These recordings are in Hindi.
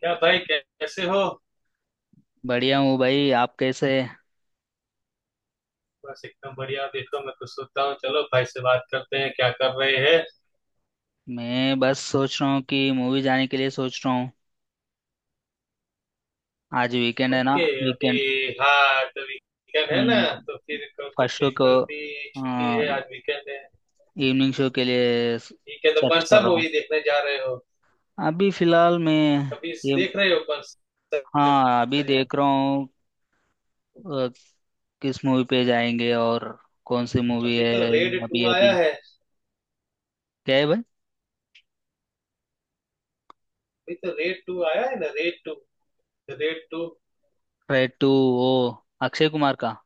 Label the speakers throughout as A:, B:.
A: क्या भाई कैसे हो?
B: बढ़िया हूँ भाई। आप कैसे?
A: बस एकदम बढ़िया। देखो मैं कुछ सोचता हूँ, चलो भाई से बात करते हैं, क्या कर रहे हैं?
B: मैं बस सोच रहा हूँ कि मूवी जाने के लिए सोच रहा हूँ। आज वीकेंड है ना।
A: ओके अभी।
B: वीकेंड।
A: हाँ तो वीकेंड है ना।
B: हम्म।
A: तो फिर कल तो
B: फर्स्ट शो
A: फिर
B: को
A: कल भी छुट्टी है, आज वीकेंड है।
B: इवनिंग शो के लिए
A: ठीक है तो
B: सर्च
A: कौन सा
B: कर रहा हूँ।
A: मूवी देखने जा रहे हो?
B: अभी फिलहाल मैं
A: अभी
B: ये,
A: देख रहे हो कौन सा?
B: हाँ अभी देख रहा हूँ। अ, किस मूवी पे जाएंगे और कौन सी मूवी
A: अभी
B: है?
A: तो रेड टू
B: अभी
A: आया
B: अभी
A: है। अभी
B: क्या है भाई?
A: तो रेड टू आया है ना, raid two, raid two.
B: Raid two वो अक्षय कुमार का,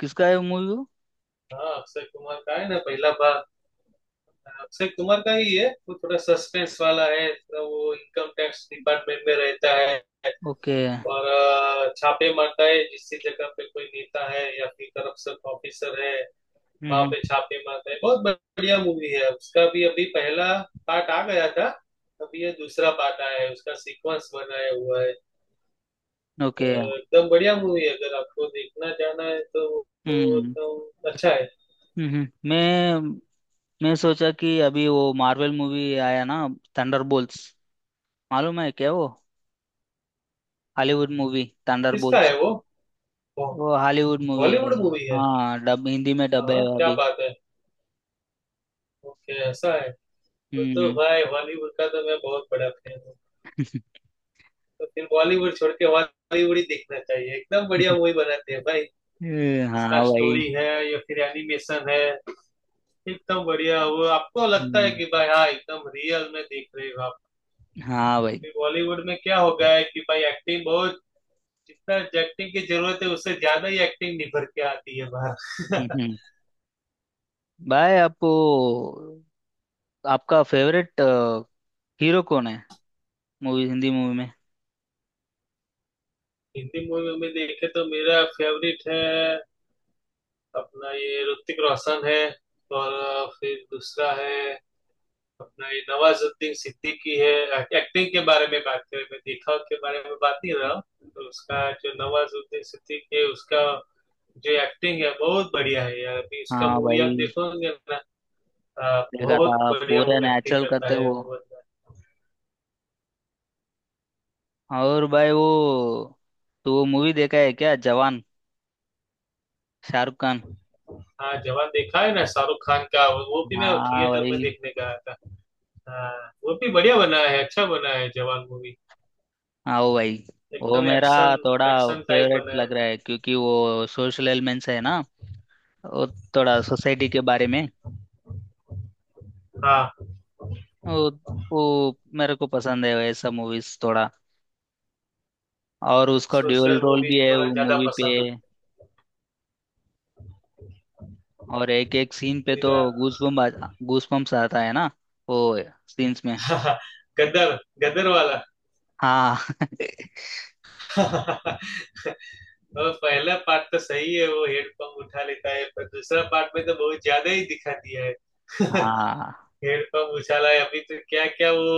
B: किसका है मूवी, वो मूवी?
A: हाँ अक्षय कुमार का है ना, पहला भाग। अक्षय कुमार का ही है, वो थोड़ा सस्पेंस वाला है, तो वो इनकम टैक्स डिपार्टमेंट में रहता है
B: वो? ओके।
A: और छापे मारता है जिस जगह पे कोई नेता है या फिर करप्शन ऑफिसर है।
B: हम्म
A: वहां पे
B: हम्म
A: छापे मारता है, बहुत बढ़िया मूवी है। उसका भी अभी पहला पार्ट आ गया था। अभी ये दूसरा पार्ट आया है, उसका सीक्वेंस बनाया हुआ है। अ,
B: ओके।
A: एकदम बढ़िया मूवी है, अगर आपको देखना जाना है तो वो
B: हम्म, okay।
A: एकदम अच्छा है।
B: हम्म। मैं सोचा कि अभी वो मार्वल मूवी आया ना, थंडरबोल्ट्स। मालूम है क्या वो हॉलीवुड मूवी,
A: किसका
B: थंडरबोल्ट्स?
A: है वो?
B: वो हॉलीवुड मूवी
A: बॉलीवुड
B: है।
A: मूवी है?
B: हाँ डब, हिंदी में
A: हाँ
B: डब है
A: हाँ,
B: वो
A: क्या
B: अभी।
A: बात है। ओके ऐसा है। तो
B: हम्म।
A: भाई, बॉलीवुड का तो मैं बहुत बड़ा फैन हूँ। तो फिर बॉलीवुड छोड़ के हॉलीवुड ही देखना चाहिए, एकदम बढ़िया मूवी बनाते हैं भाई। उसका
B: हाँ भाई।
A: स्टोरी है या फिर एनिमेशन है, एकदम बढ़िया। वो आपको लगता है
B: हम्म।
A: कि भाई हाँ एकदम रियल में देख रहे हो आप।
B: हाँ भाई।
A: फिर बॉलीवुड में क्या हो गया है कि भाई एक्टिंग बहुत, जितना एक्टिंग की जरूरत है उससे ज्यादा ही एक्टिंग निभर के आती है
B: हम्म
A: बाहर।
B: हम्म। भाई आपको, आपका फेवरेट हीरो कौन है मूवी, हिंदी मूवी में?
A: हिंदी मूवी में देखे तो मेरा फेवरेट है अपना ये ऋतिक रोशन है। और फिर दूसरा है अपना ये नवाजुद्दीन सिद्दीकी है। एक्टिंग के बारे में बात करें, मैं दिखाव के बारे में बात नहीं रहा। तो उसका जो नवाजुद्दीन सिद्दीकी है, उसका जो एक्टिंग है बहुत बढ़िया है यार। अभी उसका
B: हाँ
A: मूवी आप
B: भाई।
A: देखोगे ना,
B: देखा
A: बहुत
B: था,
A: बढ़िया
B: पूरा
A: वो एक्टिंग
B: नेचुरल
A: करता
B: करते
A: है
B: वो।
A: वो बंदा।
B: और भाई वो, तो वो मूवी देखा है क्या, जवान, शाहरुख खान?
A: हाँ जवान देखा है ना, शाहरुख खान का। वो भी मैं
B: हाँ
A: थिएटर में
B: भाई।
A: देखने का आया था। हाँ वो भी बढ़िया बना है, अच्छा बना है जवान मूवी।
B: आओ भाई। वो
A: एकदम
B: मेरा
A: एक्शन,
B: थोड़ा
A: एक्शन टाइप
B: फेवरेट
A: बना है।
B: लग रहा है, क्योंकि वो सोशल एलिमेंट्स है ना, वो थोड़ा सोसाइटी के बारे में।
A: हाँ
B: वो वो मेरे को पसंद है ऐसा मूवीज थोड़ा। और उसका ड्यूअल
A: सोशल
B: रोल
A: मूवी
B: भी है
A: थोड़ा
B: वो
A: ज्यादा
B: मूवी पे।
A: पसंद है।
B: और एक एक सीन पे तो गूस बम, गूस बम्स आता है ना वो सीन्स में।
A: इधर- गदर, गदर वाला।
B: हाँ।
A: और पहला पार्ट तो सही है, वो हेडपंप उठा लेता है, पर दूसरा पार्ट में तो बहुत ज्यादा ही दिखा दिया है।
B: हाँ।
A: हेडपंप उछाला है, अभी तो क्या क्या वो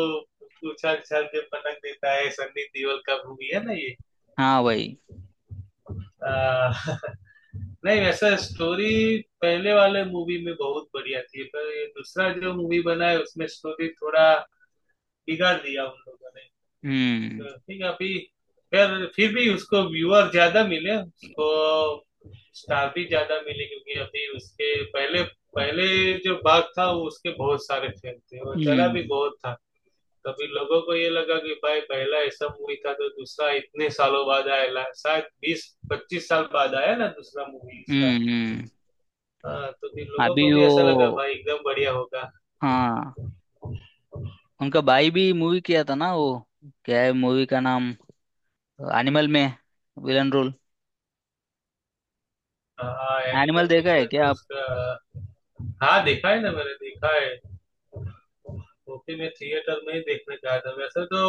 A: उछाल उछाल के पटक देता है। सन्नी देओल का मूवी है ना ये।
B: हाँ भाई।
A: आ, नहीं, वैसा स्टोरी पहले वाले मूवी में बहुत बढ़िया थी, पर ये दूसरा जो मूवी बना है उसमें स्टोरी थोड़ा बिगाड़ दिया उन लोगों
B: हम्म
A: ने। ठीक है अभी। फिर भी उसको व्यूअर ज्यादा मिले, उसको स्टार भी ज्यादा मिले, क्योंकि अभी उसके पहले पहले जो भाग था वो, उसके बहुत सारे फैन थे और चला भी
B: हम्म
A: बहुत था। तभी लोगों को ये लगा कि भाई पहला ऐसा मूवी था तो दूसरा इतने सालों बाद आया, शायद 20-25 साल बाद आया ना दूसरा मूवी इसका।
B: हम्म।
A: हाँ तो फिर लोगों
B: अभी
A: को भी ऐसा लगा
B: वो,
A: भाई एकदम बढ़िया होगा।
B: हाँ उनका भाई भी मूवी किया था ना वो, क्या है मूवी का नाम, एनिमल में विलन रोल।
A: हाँ
B: एनिमल
A: एनिमल में
B: देखा है
A: गया
B: क्या
A: तो
B: आप?
A: उसका। हाँ देखा है ना, मैंने देखा है। वो भी मैं थिएटर में ही देखने गया था वैसे तो।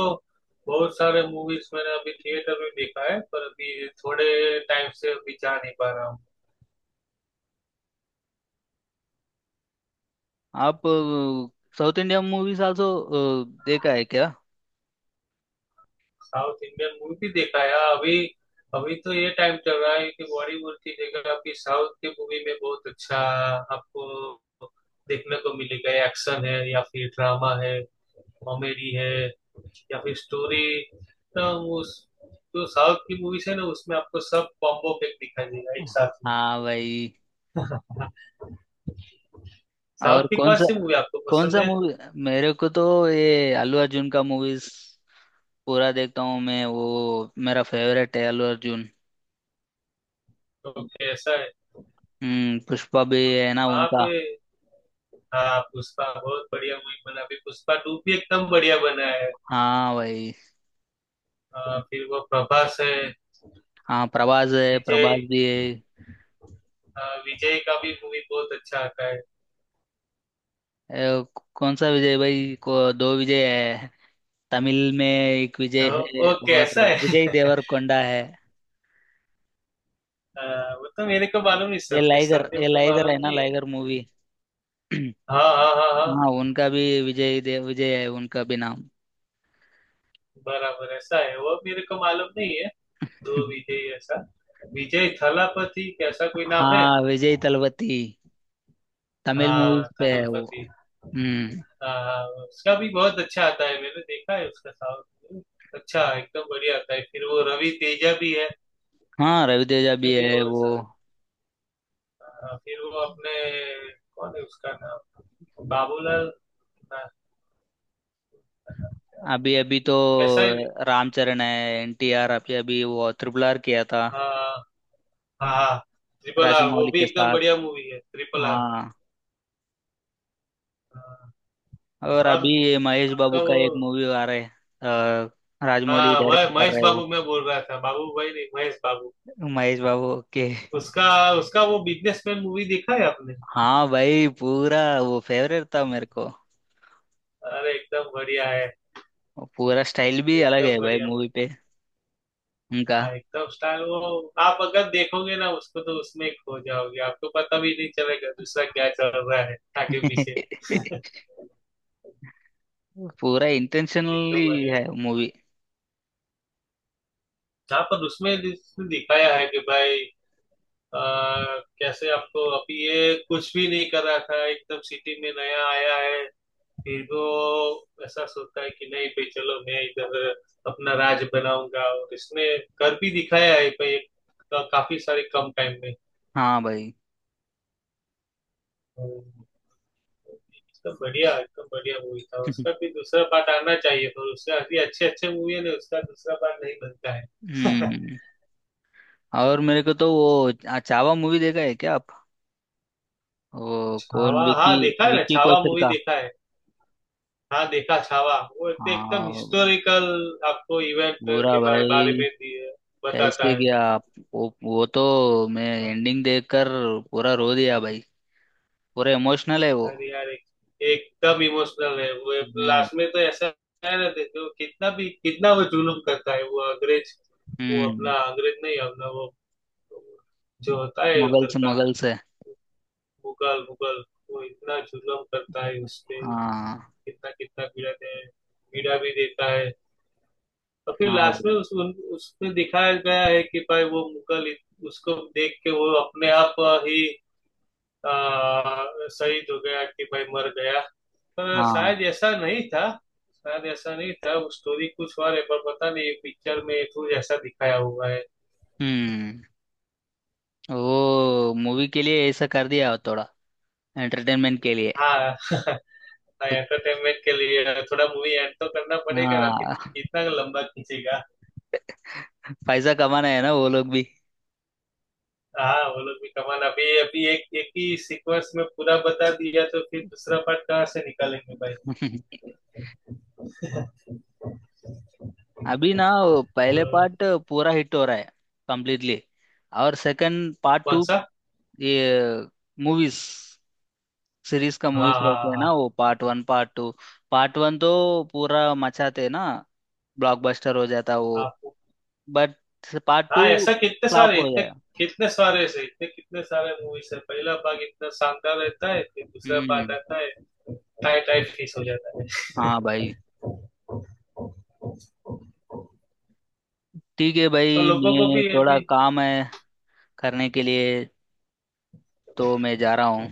A: बहुत सारे मूवीज मैंने अभी थिएटर में देखा है, पर अभी थोड़े टाइम से अभी जा नहीं पा रहा हूँ।
B: आप साउथ इंडियन मूवीज आल्सो देखा है क्या?
A: साउथ इंडियन मूवी भी देखा है। अभी अभी तो ये टाइम चल रहा है कि बॉलीवुड की जगह आपकी साउथ की मूवी में बहुत अच्छा आपको देखने को मिलेगा। एक्शन है या फिर ड्रामा है, कॉमेडी है, या फिर स्टोरी। तो उस जो साउथ की मूवीज है ना, उसमें आपको सब कॉम्बो पैक दिखाई देगा एक साथ में।
B: हाँ भाई।
A: हाँ, साउथ
B: और
A: की
B: कौन
A: कौन
B: सा,
A: सी मूवी आपको
B: कौन
A: पसंद
B: सा
A: है?
B: मूवी? मेरे को तो ये अल्लू अर्जुन का मूवीज पूरा देखता हूँ मैं। वो मेरा फेवरेट है, अल्लू अर्जुन।
A: ओके ऐसा है।
B: हम्म, पुष्पा भी
A: ओके
B: है ना
A: वहां
B: उनका।
A: पे। हाँ पुष्पा बहुत बढ़िया मूवी बना, अभी पुष्पा टू भी एकदम बढ़िया बना है।
B: हाँ भाई।
A: फिर वो प्रभास है।
B: हाँ प्रभास है,
A: विजय
B: प्रभास भी है।
A: विजय का भी मूवी बहुत अच्छा आता है।
B: ए, कौन सा विजय भाई को? दो विजय है। तमिल में एक विजय
A: ओ,
B: है,
A: ओ
B: और
A: कैसा
B: विजय
A: है।
B: देवरकोंडा है।
A: वो तो मेरे को मालूम नहीं,
B: ये
A: सरदीप
B: लाइगर,
A: सरदीप
B: ये
A: तो
B: लाइगर है
A: मालूम
B: ना,
A: नहीं है।
B: Liger movie.
A: हाँ हाँ हाँ हाँ।
B: हाँ उनका भी, विजय देव, विजय है उनका भी नाम।
A: बराबर ऐसा है, वो मेरे को मालूम नहीं है। दो विजय ऐसा? विजय थलापति कैसा कोई नाम है?
B: हाँ विजय तलपति, तमिल मूवीज
A: हाँ
B: पे है वो।
A: थलपति।
B: हम्म।
A: हाँ, उसका भी बहुत अच्छा आता है, मैंने देखा है उसका। साउंड अच्छा, एकदम बढ़िया आता है। फिर वो रवि तेजा भी है।
B: हाँ रवि तेजा
A: उसके
B: भी
A: भी
B: है
A: बहुत
B: वो।
A: सारे। हाँ, फिर वो अपने कौन है उसका नाम, बाबूलाल ना,
B: अभी अभी तो
A: ऐसा ही भी।
B: रामचरण है, एनटीआर। अभी अभी वो ट्रिपल आर किया था,
A: हाँ हाँ, ट्रिपल आर, वो
B: राजमौली
A: भी
B: के
A: एकदम
B: साथ।
A: बढ़िया मूवी है ट्रिपल आर।
B: हाँ।
A: हाँ,
B: और
A: और
B: अभी ये महेश बाबू
A: आपका
B: का
A: वो।
B: एक मूवी आ रहा है, राजमौली
A: हाँ वह
B: डायरेक्ट कर
A: महेश
B: रहे हैं।
A: बाबू मैं बोल रहा था, बाबू भाई नहीं, महेश बाबू।
B: महेश बाबू, ओके।
A: उसका उसका वो बिजनेसमैन मूवी देखा है आपने?
B: हाँ भाई, पूरा वो फेवरेट था मेरे को।
A: अरे एकदम बढ़िया है।
B: और पूरा स्टाइल भी अलग
A: एकदम
B: है भाई
A: बढ़िया
B: मूवी
A: मूवी।
B: पे, उनका।
A: हाँ एकदम स्टार। वो आप अगर देखोगे ना उसको, तो उसमें ही खो जाओगे, आपको पता भी नहीं चलेगा दूसरा क्या चल रहा है आगे पीछे।
B: पूरा
A: एकदम
B: इंटेंशनली
A: बढ़िया।
B: है मूवी।
A: हाँ, पर उसमें जिसने दिखाया है कि भाई आ, कैसे आपको अभी ये कुछ भी नहीं कर रहा था, एकदम सिटी में नया आया है। फिर वो ऐसा सोचता है कि नहीं भाई चलो मैं इधर अपना राज बनाऊंगा, और इसने कर भी दिखाया है भाई, काफी सारे कम टाइम
B: हाँ भाई।
A: में। एकदम बढ़िया, एकदम बढ़िया मूवी था। उसका भी दूसरा पार्ट आना चाहिए, पर उसका अभी अच्छे अच्छे मूवी है ना, उसका दूसरा पार्ट नहीं बनता है।
B: हम्म। और मेरे को तो वो चावा मूवी देखा है क्या आप? वो कौन,
A: छावा,
B: विकी,
A: हाँ देखा है ना,
B: विकी
A: छावा
B: कौशल
A: मूवी
B: का।
A: देखा है। हाँ देखा छावा, वो तो एकदम
B: हाँ
A: हिस्टोरिकल आपको इवेंट
B: पूरा
A: के बारे
B: भाई।
A: में बताता
B: कैसे
A: है।
B: गया आप? वो तो मैं
A: हाँ,
B: एंडिंग देखकर पूरा रो दिया भाई। पूरा इमोशनल है वो।
A: अरे यार, एकदम इमोशनल है वो।
B: हम्म।
A: लास्ट में तो ऐसा है ना, देखो कितना भी, कितना वो जुल्म करता है वो अंग्रेज, वो अपना
B: हम्म।
A: अंग्रेज नहीं, अपना वो जो होता है उधर
B: मुगल्स,
A: का,
B: मुगल्स है।
A: मुगल मुगल। वो इतना जुल्म करता है उस पे,
B: हाँ।
A: कितना कितना पीड़ा दे, पीड़ा भी देता है। और फिर
B: हाँ भाई।
A: लास्ट में उसमें दिखाया गया है कि भाई वो मुगल उसको देख के वो अपने आप ही आ, शहीद हो गया, कि भाई मर गया। पर
B: हाँ।
A: शायद ऐसा नहीं था। शायद ऐसा नहीं था, वो स्टोरी कुछ और है, पर पता नहीं पिक्चर में कुछ ऐसा दिखाया हुआ है।
B: हम्म। वो मूवी के लिए ऐसा कर दिया हो थोड़ा, एंटरटेनमेंट के लिए
A: हाँ।
B: कुछ।
A: एंटरटेनमेंट के लिए थोड़ा मूवी एंड तो करना पड़ेगा ना, फिर
B: हाँ।
A: इतना लंबा खींचेगा।
B: पैसा कमाना है ना वो लोग भी।
A: हाँ वो लोग भी कमान, अभी अभी एक एक ही सीक्वेंस में पूरा बता दिया तो फिर दूसरा पार्ट कहाँ से निकालेंगे भाई?
B: अभी ना वो
A: तो
B: पहले पार्ट पूरा हिट हो रहा है, कंप्लीटली, और सेकंड पार्ट
A: कौन
B: टू,
A: सा?
B: ये मूवीज सीरीज का
A: हाँ
B: मूवीज
A: हाँ
B: रहते हैं ना
A: हाँ
B: वो, part one part two. Part one तो पूरा मचाते हैं ना, ब्लॉकबस्टर हो जाता वो।
A: हाँ। हाँ,
B: बट पार्ट टू
A: हाँ, ऐसा कितने
B: फ्लॉप
A: सारे
B: हो
A: इतने,
B: गया।
A: कितने सारे से इतने, कितने सारे मूवीज है। पहला भाग इतना शानदार रहता है फिर दूसरा पार्ट
B: हम्म।
A: आता है। टाइट टाइट फीस हो जाता है।
B: हाँ भाई, ठीक है
A: और
B: भाई,
A: लोगों को
B: मैं
A: भी
B: थोड़ा
A: अभी।
B: काम है करने के लिए, तो मैं जा रहा हूँ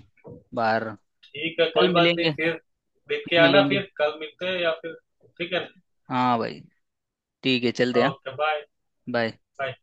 B: बाहर।
A: ठीक है, कोई
B: कल
A: बात नहीं,
B: मिलेंगे,
A: फिर देख के
B: फिर
A: आना,
B: मिलेंगे।
A: फिर कल मिलते हैं या फिर। ठीक है
B: हाँ भाई, ठीक है चलते
A: ना।
B: हैं।
A: Okay bye.
B: बाय।
A: बाय।